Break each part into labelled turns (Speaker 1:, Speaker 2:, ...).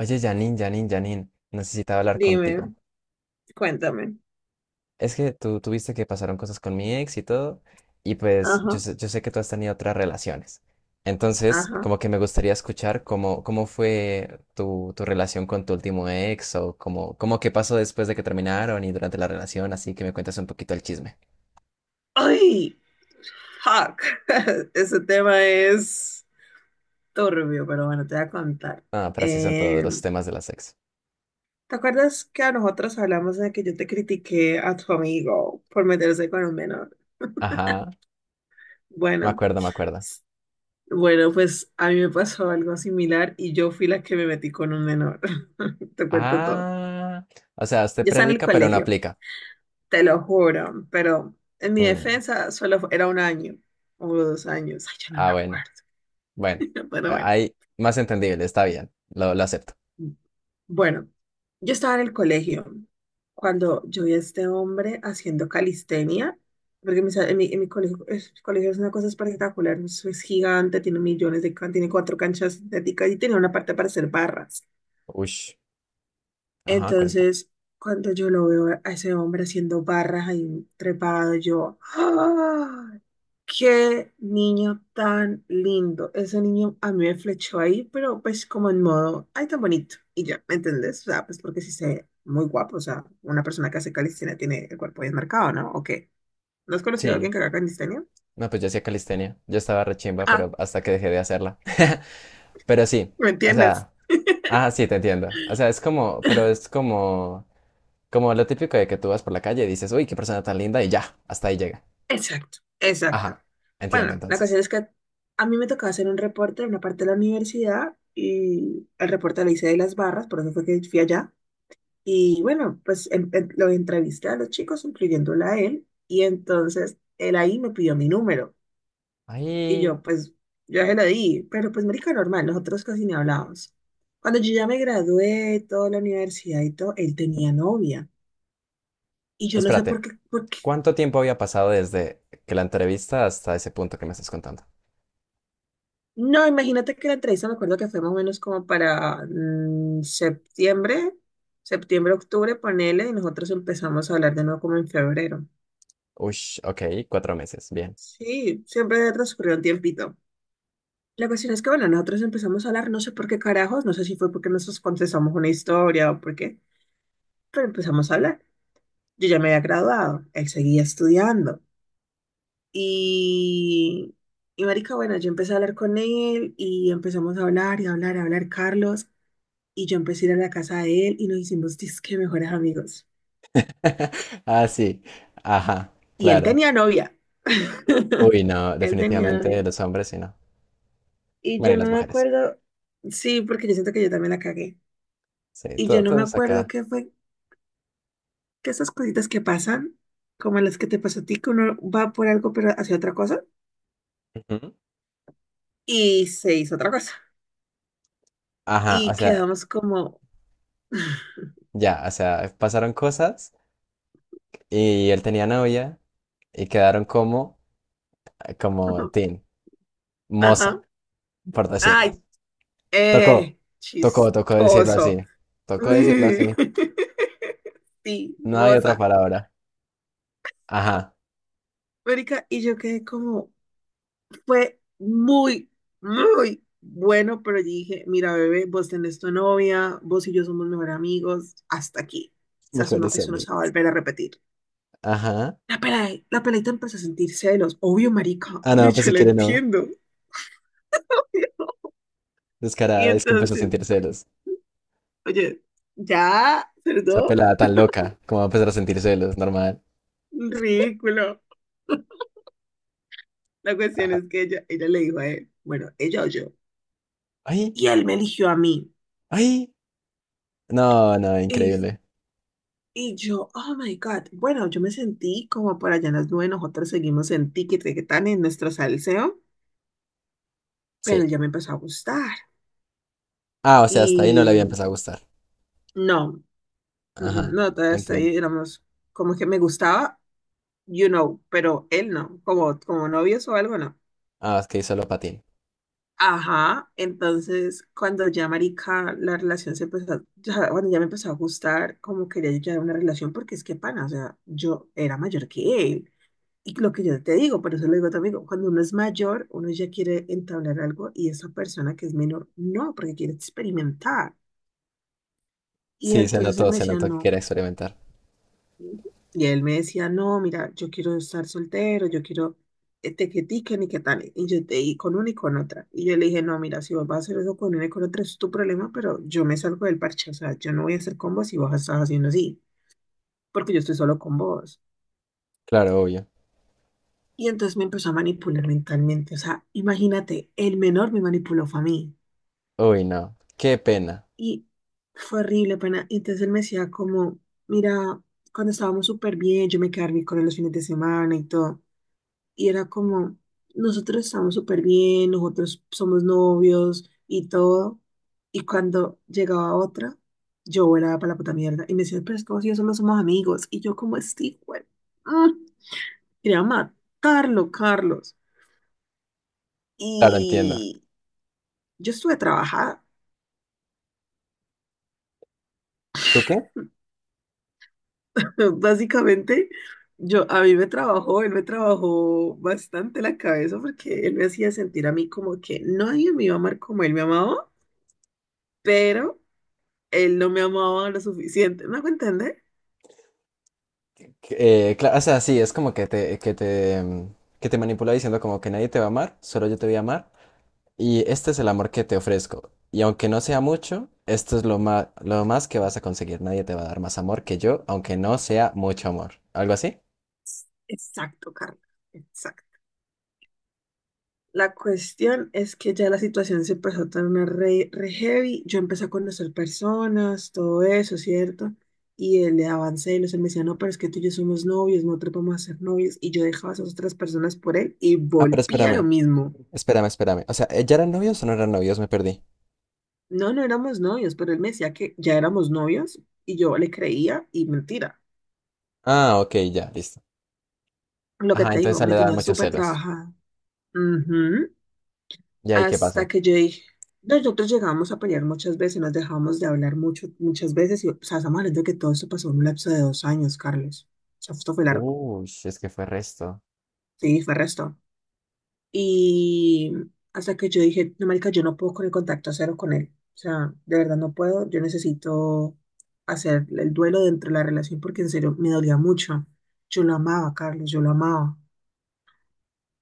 Speaker 1: Oye, Janine, Janine, necesitaba hablar contigo.
Speaker 2: Dime, cuéntame.
Speaker 1: Es que tú tuviste que pasaron cosas con mi ex y todo, y pues yo
Speaker 2: Ajá,
Speaker 1: sé, yo sé que tú has tenido otras relaciones. Entonces,
Speaker 2: ajá.
Speaker 1: como que me gustaría escuchar cómo fue tu relación con tu último ex o cómo qué pasó después de que terminaron y durante la relación, así que me cuentas un poquito el chisme.
Speaker 2: ¡Ay! ¡Fuck! Ese tema es turbio, pero bueno, te voy a contar.
Speaker 1: Ah, pero así son todos
Speaker 2: Eh,
Speaker 1: los temas de las ex.
Speaker 2: ¿Te acuerdas que a nosotros hablamos de que yo te critiqué a tu amigo por meterse con un menor?
Speaker 1: Ajá, me
Speaker 2: Bueno,
Speaker 1: acuerdo, me acuerdo.
Speaker 2: s- bueno, pues a mí me pasó algo similar y yo fui la que me metí con un menor. Te cuento todo.
Speaker 1: Ah, o sea, usted
Speaker 2: Yo estaba en el
Speaker 1: predica pero no
Speaker 2: colegio,
Speaker 1: aplica.
Speaker 2: te lo juro, pero en mi
Speaker 1: Mm,
Speaker 2: defensa solo era un año o dos años. Ay, yo no me
Speaker 1: Ah, bueno.
Speaker 2: acuerdo.
Speaker 1: Bueno,
Speaker 2: Pero bueno,
Speaker 1: hay más entendible, está bien, lo acepto.
Speaker 2: bueno, yo estaba en el colegio cuando yo vi a este hombre haciendo calistenia, porque en mi colegio, colegio es una cosa espectacular, es gigante, tiene tiene cuatro canchas sintéticas y tiene una parte para hacer barras.
Speaker 1: Ush, ajá, cuenta.
Speaker 2: Entonces, cuando yo lo veo a ese hombre haciendo barras ahí trepado, yo, ¡ah! Qué niño tan lindo. Ese niño a mí me flechó ahí, pero pues como en modo, ay, tan bonito. Y ya, ¿me entendés? O sea, pues porque sí se ve muy guapo. O sea, una persona que hace calistenia tiene el cuerpo bien marcado, ¿no? ¿O qué? ¿No has conocido a
Speaker 1: Sí,
Speaker 2: alguien que haga calistenia?
Speaker 1: no, pues yo hacía calistenia, yo estaba rechimba,
Speaker 2: Ah,
Speaker 1: pero hasta que dejé de hacerla. Pero sí,
Speaker 2: ¿me
Speaker 1: o
Speaker 2: entiendes?
Speaker 1: sea, ah, sí, te entiendo. O sea, es como, pero es como, como lo típico de que tú vas por la calle y dices, uy, qué persona tan linda, y ya, hasta ahí llega.
Speaker 2: Exacto, exacto.
Speaker 1: Ajá, entiendo
Speaker 2: Bueno, la
Speaker 1: entonces.
Speaker 2: cuestión es que a mí me tocaba hacer un reporte en una parte de la universidad y el reporte lo hice de las barras, por eso fue que fui allá. Y bueno, pues lo entrevisté a los chicos, incluyéndola a él, y entonces él ahí me pidió mi número. Y
Speaker 1: Ahí,
Speaker 2: yo, pues, yo se lo di, pero pues, marica, normal, nosotros casi ni hablábamos. Cuando yo ya me gradué, toda la universidad y todo, él tenía novia. Y yo no sé
Speaker 1: espérate,
Speaker 2: por qué.
Speaker 1: ¿cuánto tiempo había pasado desde que la entrevista hasta ese punto que me estás contando?
Speaker 2: No, imagínate que la entrevista, me acuerdo que fue más o menos como para septiembre, septiembre, octubre, ponele, y nosotros empezamos a hablar de nuevo como en febrero.
Speaker 1: Ush, ok, cuatro meses, bien.
Speaker 2: Sí, siempre transcurrió un tiempito. La cuestión es que, bueno, nosotros empezamos a hablar, no sé por qué carajos, no sé si fue porque nosotros contestamos una historia o por qué, pero empezamos a hablar. Yo ya me había graduado, él seguía estudiando. Y, y marica, bueno, yo empecé a hablar con él y empezamos a hablar y a hablar, Carlos. Y yo empecé a ir a la casa de él y nos hicimos disque mejores amigos.
Speaker 1: Ah, sí. Ajá,
Speaker 2: Y él
Speaker 1: claro.
Speaker 2: tenía novia.
Speaker 1: Uy, no,
Speaker 2: Él tenía
Speaker 1: definitivamente
Speaker 2: novia.
Speaker 1: los hombres sí no.
Speaker 2: Y
Speaker 1: Bueno,
Speaker 2: yo
Speaker 1: y
Speaker 2: no
Speaker 1: las
Speaker 2: me
Speaker 1: mujeres.
Speaker 2: acuerdo, sí, porque yo siento que yo también la cagué.
Speaker 1: Sí,
Speaker 2: Y yo
Speaker 1: todo,
Speaker 2: no me
Speaker 1: todos
Speaker 2: acuerdo
Speaker 1: acá.
Speaker 2: qué fue que esas cositas que pasan, como las que te pasó a ti, que uno va por algo pero hacia otra cosa
Speaker 1: Ujú.
Speaker 2: y se hizo otra cosa.
Speaker 1: Ajá, o
Speaker 2: Y
Speaker 1: sea,
Speaker 2: quedamos como,
Speaker 1: ya, o sea, pasaron cosas y él tenía novia y quedaron como, como teen, moza,
Speaker 2: ajá,
Speaker 1: por decirlo.
Speaker 2: ay,
Speaker 1: Tocó, tocó, tocó decirlo
Speaker 2: chistoso.
Speaker 1: así. Tocó decirlo
Speaker 2: Uy.
Speaker 1: así.
Speaker 2: Sí,
Speaker 1: No hay otra
Speaker 2: moza.
Speaker 1: palabra. Ajá.
Speaker 2: Mónica, y yo quedé como, fue muy, muy bueno, pero dije, mira, bebé, vos tenés tu novia, vos y yo somos mejores amigos, hasta aquí. O sea,
Speaker 1: Mejores
Speaker 2: eso no se va a
Speaker 1: amigos.
Speaker 2: volver a repetir.
Speaker 1: Ajá.
Speaker 2: La peladita empezó a sentir celos. Obvio, marica,
Speaker 1: Ah, no,
Speaker 2: obvio,
Speaker 1: pues
Speaker 2: yo
Speaker 1: si
Speaker 2: la
Speaker 1: quiere no.
Speaker 2: entiendo. Y
Speaker 1: Descarada, es que empezó a
Speaker 2: entonces,
Speaker 1: sentir celos.
Speaker 2: oye, ya,
Speaker 1: Esa
Speaker 2: perdón,
Speaker 1: pelada tan loca, como va a empezar a sentir celos, normal.
Speaker 2: ridículo. La cuestión
Speaker 1: Ajá.
Speaker 2: es que ella le dijo a él, bueno, ella o yo.
Speaker 1: ¡Ay!
Speaker 2: Y él me eligió a mí.
Speaker 1: ¡Ay! No, no,
Speaker 2: Y,
Speaker 1: increíble.
Speaker 2: y yo, oh my God. Bueno, yo me sentí como por allá en las nubes, nosotros seguimos en ticket que tan en nuestro salseo, pero
Speaker 1: Sí.
Speaker 2: él ya me empezó a gustar.
Speaker 1: Ah, o sea, hasta ahí no le había
Speaker 2: Y
Speaker 1: empezado a gustar.
Speaker 2: no,
Speaker 1: Ajá,
Speaker 2: no, todavía hasta
Speaker 1: entiendo.
Speaker 2: ahí éramos como que me gustaba, you know, pero él no, como, como novios o algo no.
Speaker 1: Ah, es que hizo lo patín.
Speaker 2: Ajá, entonces cuando ya marica la relación se empezó, ya, bueno, ya me empezó a gustar, como quería yo ya una relación, porque es que pana, o sea, yo era mayor que él. Y lo que yo te digo, por eso lo digo a tu amigo, cuando uno es mayor, uno ya quiere entablar algo y esa persona que es menor, no, porque quiere experimentar. Y
Speaker 1: Sí,
Speaker 2: entonces él me
Speaker 1: se
Speaker 2: decía,
Speaker 1: notó que
Speaker 2: no,
Speaker 1: quería experimentar.
Speaker 2: Ujú. Y él me decía, no, mira, yo quiero estar soltero, yo quiero este que tiquen y que tal. Y yo te y con una y con otra. Y yo le dije, no, mira, si vos vas a hacer eso con una y con otra, es tu problema, pero yo me salgo del parche. O sea, yo no voy a hacer con vos si vos estás haciendo así, porque yo estoy solo con vos.
Speaker 1: Claro, obvio.
Speaker 2: Y entonces me empezó a manipular mentalmente. O sea, imagínate, el menor me manipuló fue a mí.
Speaker 1: Uy, no. Qué pena.
Speaker 2: Y fue horrible, pena. Y entonces él me decía como, mira, cuando estábamos súper bien, yo me quedaba a dormir con él los fines de semana y todo. Y era como, nosotros estamos súper bien, nosotros somos novios y todo. Y cuando llegaba otra, yo era para la puta mierda. Y me decía, pero es como si yo solo somos amigos. Y yo como, este güey, mm, quería matarlo, Carlos.
Speaker 1: Claro, entiendo.
Speaker 2: Y yo estuve trabajada.
Speaker 1: ¿Tú qué?
Speaker 2: Básicamente, a mí me trabajó, él me trabajó bastante la cabeza porque él me hacía sentir a mí como que nadie me iba a amar como él me amaba, pero él no me amaba lo suficiente. ¿Me hago entender?
Speaker 1: O sea, sí, es como que que te manipula diciendo como que nadie te va a amar, solo yo te voy a amar. Y este es el amor que te ofrezco. Y aunque no sea mucho, esto es lo más que vas a conseguir. Nadie te va a dar más amor que yo, aunque no sea mucho amor. ¿Algo así?
Speaker 2: Exacto, Carla. Exacto. La cuestión es que ya la situación se empezó a tornar re heavy. Yo empecé a conocer personas, todo eso, ¿cierto? Y él le daba celos, él me decía, no, pero es que tú y yo somos novios, no te vamos a ser novios. Y yo dejaba a esas otras personas por él y
Speaker 1: Ah, pero
Speaker 2: volvía a lo
Speaker 1: espérame,
Speaker 2: mismo.
Speaker 1: espérame. O sea, ¿ya eran novios o no eran novios? Me perdí.
Speaker 2: No, no éramos novios, pero él me decía que ya éramos novios y yo le creía y mentira.
Speaker 1: Ah, ok, ya, listo.
Speaker 2: Lo que
Speaker 1: Ajá,
Speaker 2: te
Speaker 1: entonces
Speaker 2: digo,
Speaker 1: a él
Speaker 2: me
Speaker 1: le daban
Speaker 2: tenía
Speaker 1: muchos
Speaker 2: súper
Speaker 1: celos.
Speaker 2: trabajada. Ujú.
Speaker 1: ¿Y ahí qué
Speaker 2: Hasta
Speaker 1: pasó?
Speaker 2: que yo dije, nosotros llegamos a pelear muchas veces, nos dejamos de hablar muchas veces y, o sea, estamos hablando de que todo esto pasó en un lapso de dos años, Carlos. O sea, esto fue largo.
Speaker 1: Uy, si es que fue resto.
Speaker 2: Sí, fue resto. Y hasta que yo dije, no, marica, yo no puedo con el contacto cero con él. O sea, de verdad no puedo. Yo necesito hacer el duelo dentro de la relación porque en serio me dolía mucho. Yo lo amaba, Carlos, yo lo amaba.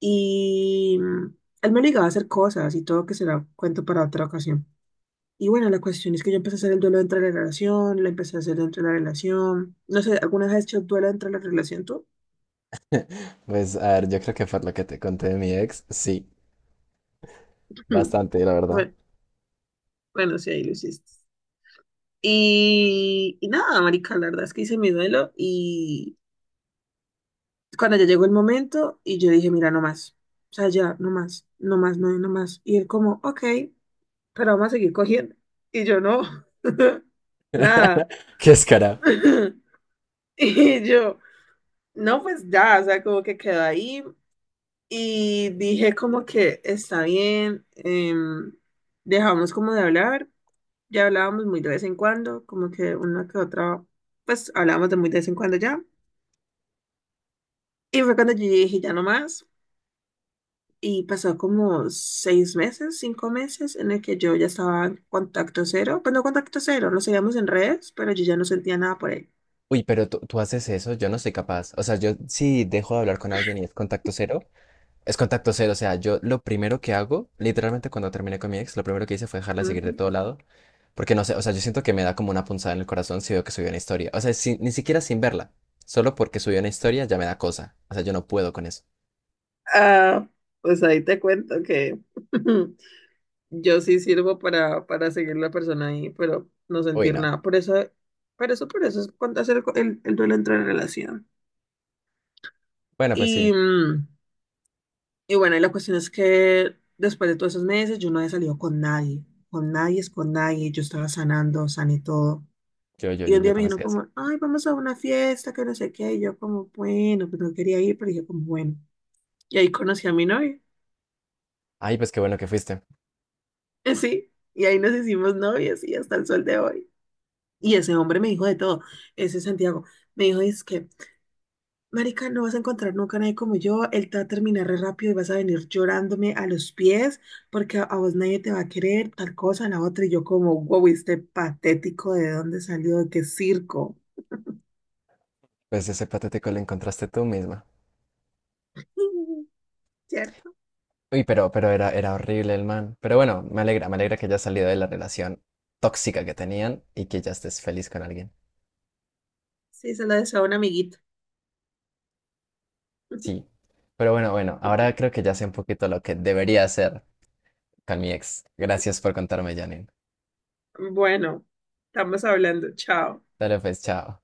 Speaker 2: Y él me obligaba a hacer cosas y todo que será cuento para otra ocasión. Y bueno, la cuestión es que yo empecé a hacer el duelo dentro de la relación, lo empecé a hacer dentro de la relación. No sé, ¿alguna vez has hecho duelo dentro de la relación tú?
Speaker 1: Pues, a ver, yo creo que fue lo que te conté de mi ex. Sí, bastante, la verdad.
Speaker 2: Bueno, bueno, sí, ahí lo hiciste. Y nada, marica, la verdad es que hice mi duelo y cuando ya llegó el momento y yo dije, mira, no más, o sea, ya, no más, no más, no, no más. Y él como, ok, pero vamos a seguir cogiendo. Y yo no, nada.
Speaker 1: Qué escara.
Speaker 2: Y yo, no, pues ya, o sea, como que quedó ahí y dije como que está bien, dejamos como de hablar, ya hablábamos muy de vez en cuando, como que una que otra, pues hablábamos de muy de vez en cuando ya. Y fue cuando yo dije, ya no más. Y pasó como seis meses, cinco meses, en el que yo ya estaba en contacto cero. Pues no contacto cero, nos seguíamos en redes, pero yo ya no sentía nada por él.
Speaker 1: Uy, pero tú haces eso, yo no soy capaz. O sea, yo sí dejo de hablar con alguien y es contacto cero. Es contacto cero, o sea, yo lo primero que hago, literalmente cuando terminé con mi ex, lo primero que hice fue dejarla seguir de
Speaker 2: Ujú.
Speaker 1: todo lado, porque no sé, o sea, yo siento que me da como una punzada en el corazón si veo que subió una historia, o sea, ni siquiera sin verla, solo porque subió una historia ya me da cosa, o sea, yo no puedo con eso.
Speaker 2: Ah, pues ahí te cuento que yo sí sirvo para seguir la persona ahí, pero no
Speaker 1: Uy,
Speaker 2: sentir
Speaker 1: no.
Speaker 2: nada. Por eso es cuando hacer el duelo entre relación.
Speaker 1: Bueno, pues
Speaker 2: Y.
Speaker 1: sí,
Speaker 2: mm, Y bueno, y la cuestión es que después de todos esos meses yo no había salido con nadie es con nadie, yo estaba sanando, sané todo.
Speaker 1: yo, yo,
Speaker 2: Y
Speaker 1: yo,
Speaker 2: un
Speaker 1: yo
Speaker 2: día me
Speaker 1: también
Speaker 2: dijeron
Speaker 1: soy así.
Speaker 2: como, ay, vamos a una fiesta, que no sé qué, y yo como, bueno, pues no quería ir, pero dije como, bueno. Y ahí conocí a mi novio,
Speaker 1: Ay, pues qué bueno que fuiste.
Speaker 2: sí, y ahí nos hicimos novios y hasta el sol de hoy. Y ese hombre me dijo de todo, ese Santiago, me dijo, es que Marica, no vas a encontrar nunca a nadie como yo. Él te va a terminar re rápido y vas a venir llorándome a los pies porque a vos nadie te va a querer, tal cosa, la otra. Y yo como, wow, este patético, ¿de dónde salió? ¿De qué circo?
Speaker 1: Pues ese patético lo encontraste tú misma.
Speaker 2: ¿Cierto?
Speaker 1: Uy, pero era horrible el man. Pero bueno, me alegra que hayas salido de la relación tóxica que tenían y que ya estés feliz con alguien.
Speaker 2: Sí, se lo deseo a un amiguito.
Speaker 1: Sí. Pero bueno, bueno, ahora creo que ya sé un poquito lo que debería hacer con mi ex. Gracias por contarme, Janine.
Speaker 2: Bueno, estamos hablando. Chao.
Speaker 1: Dale pues, chao.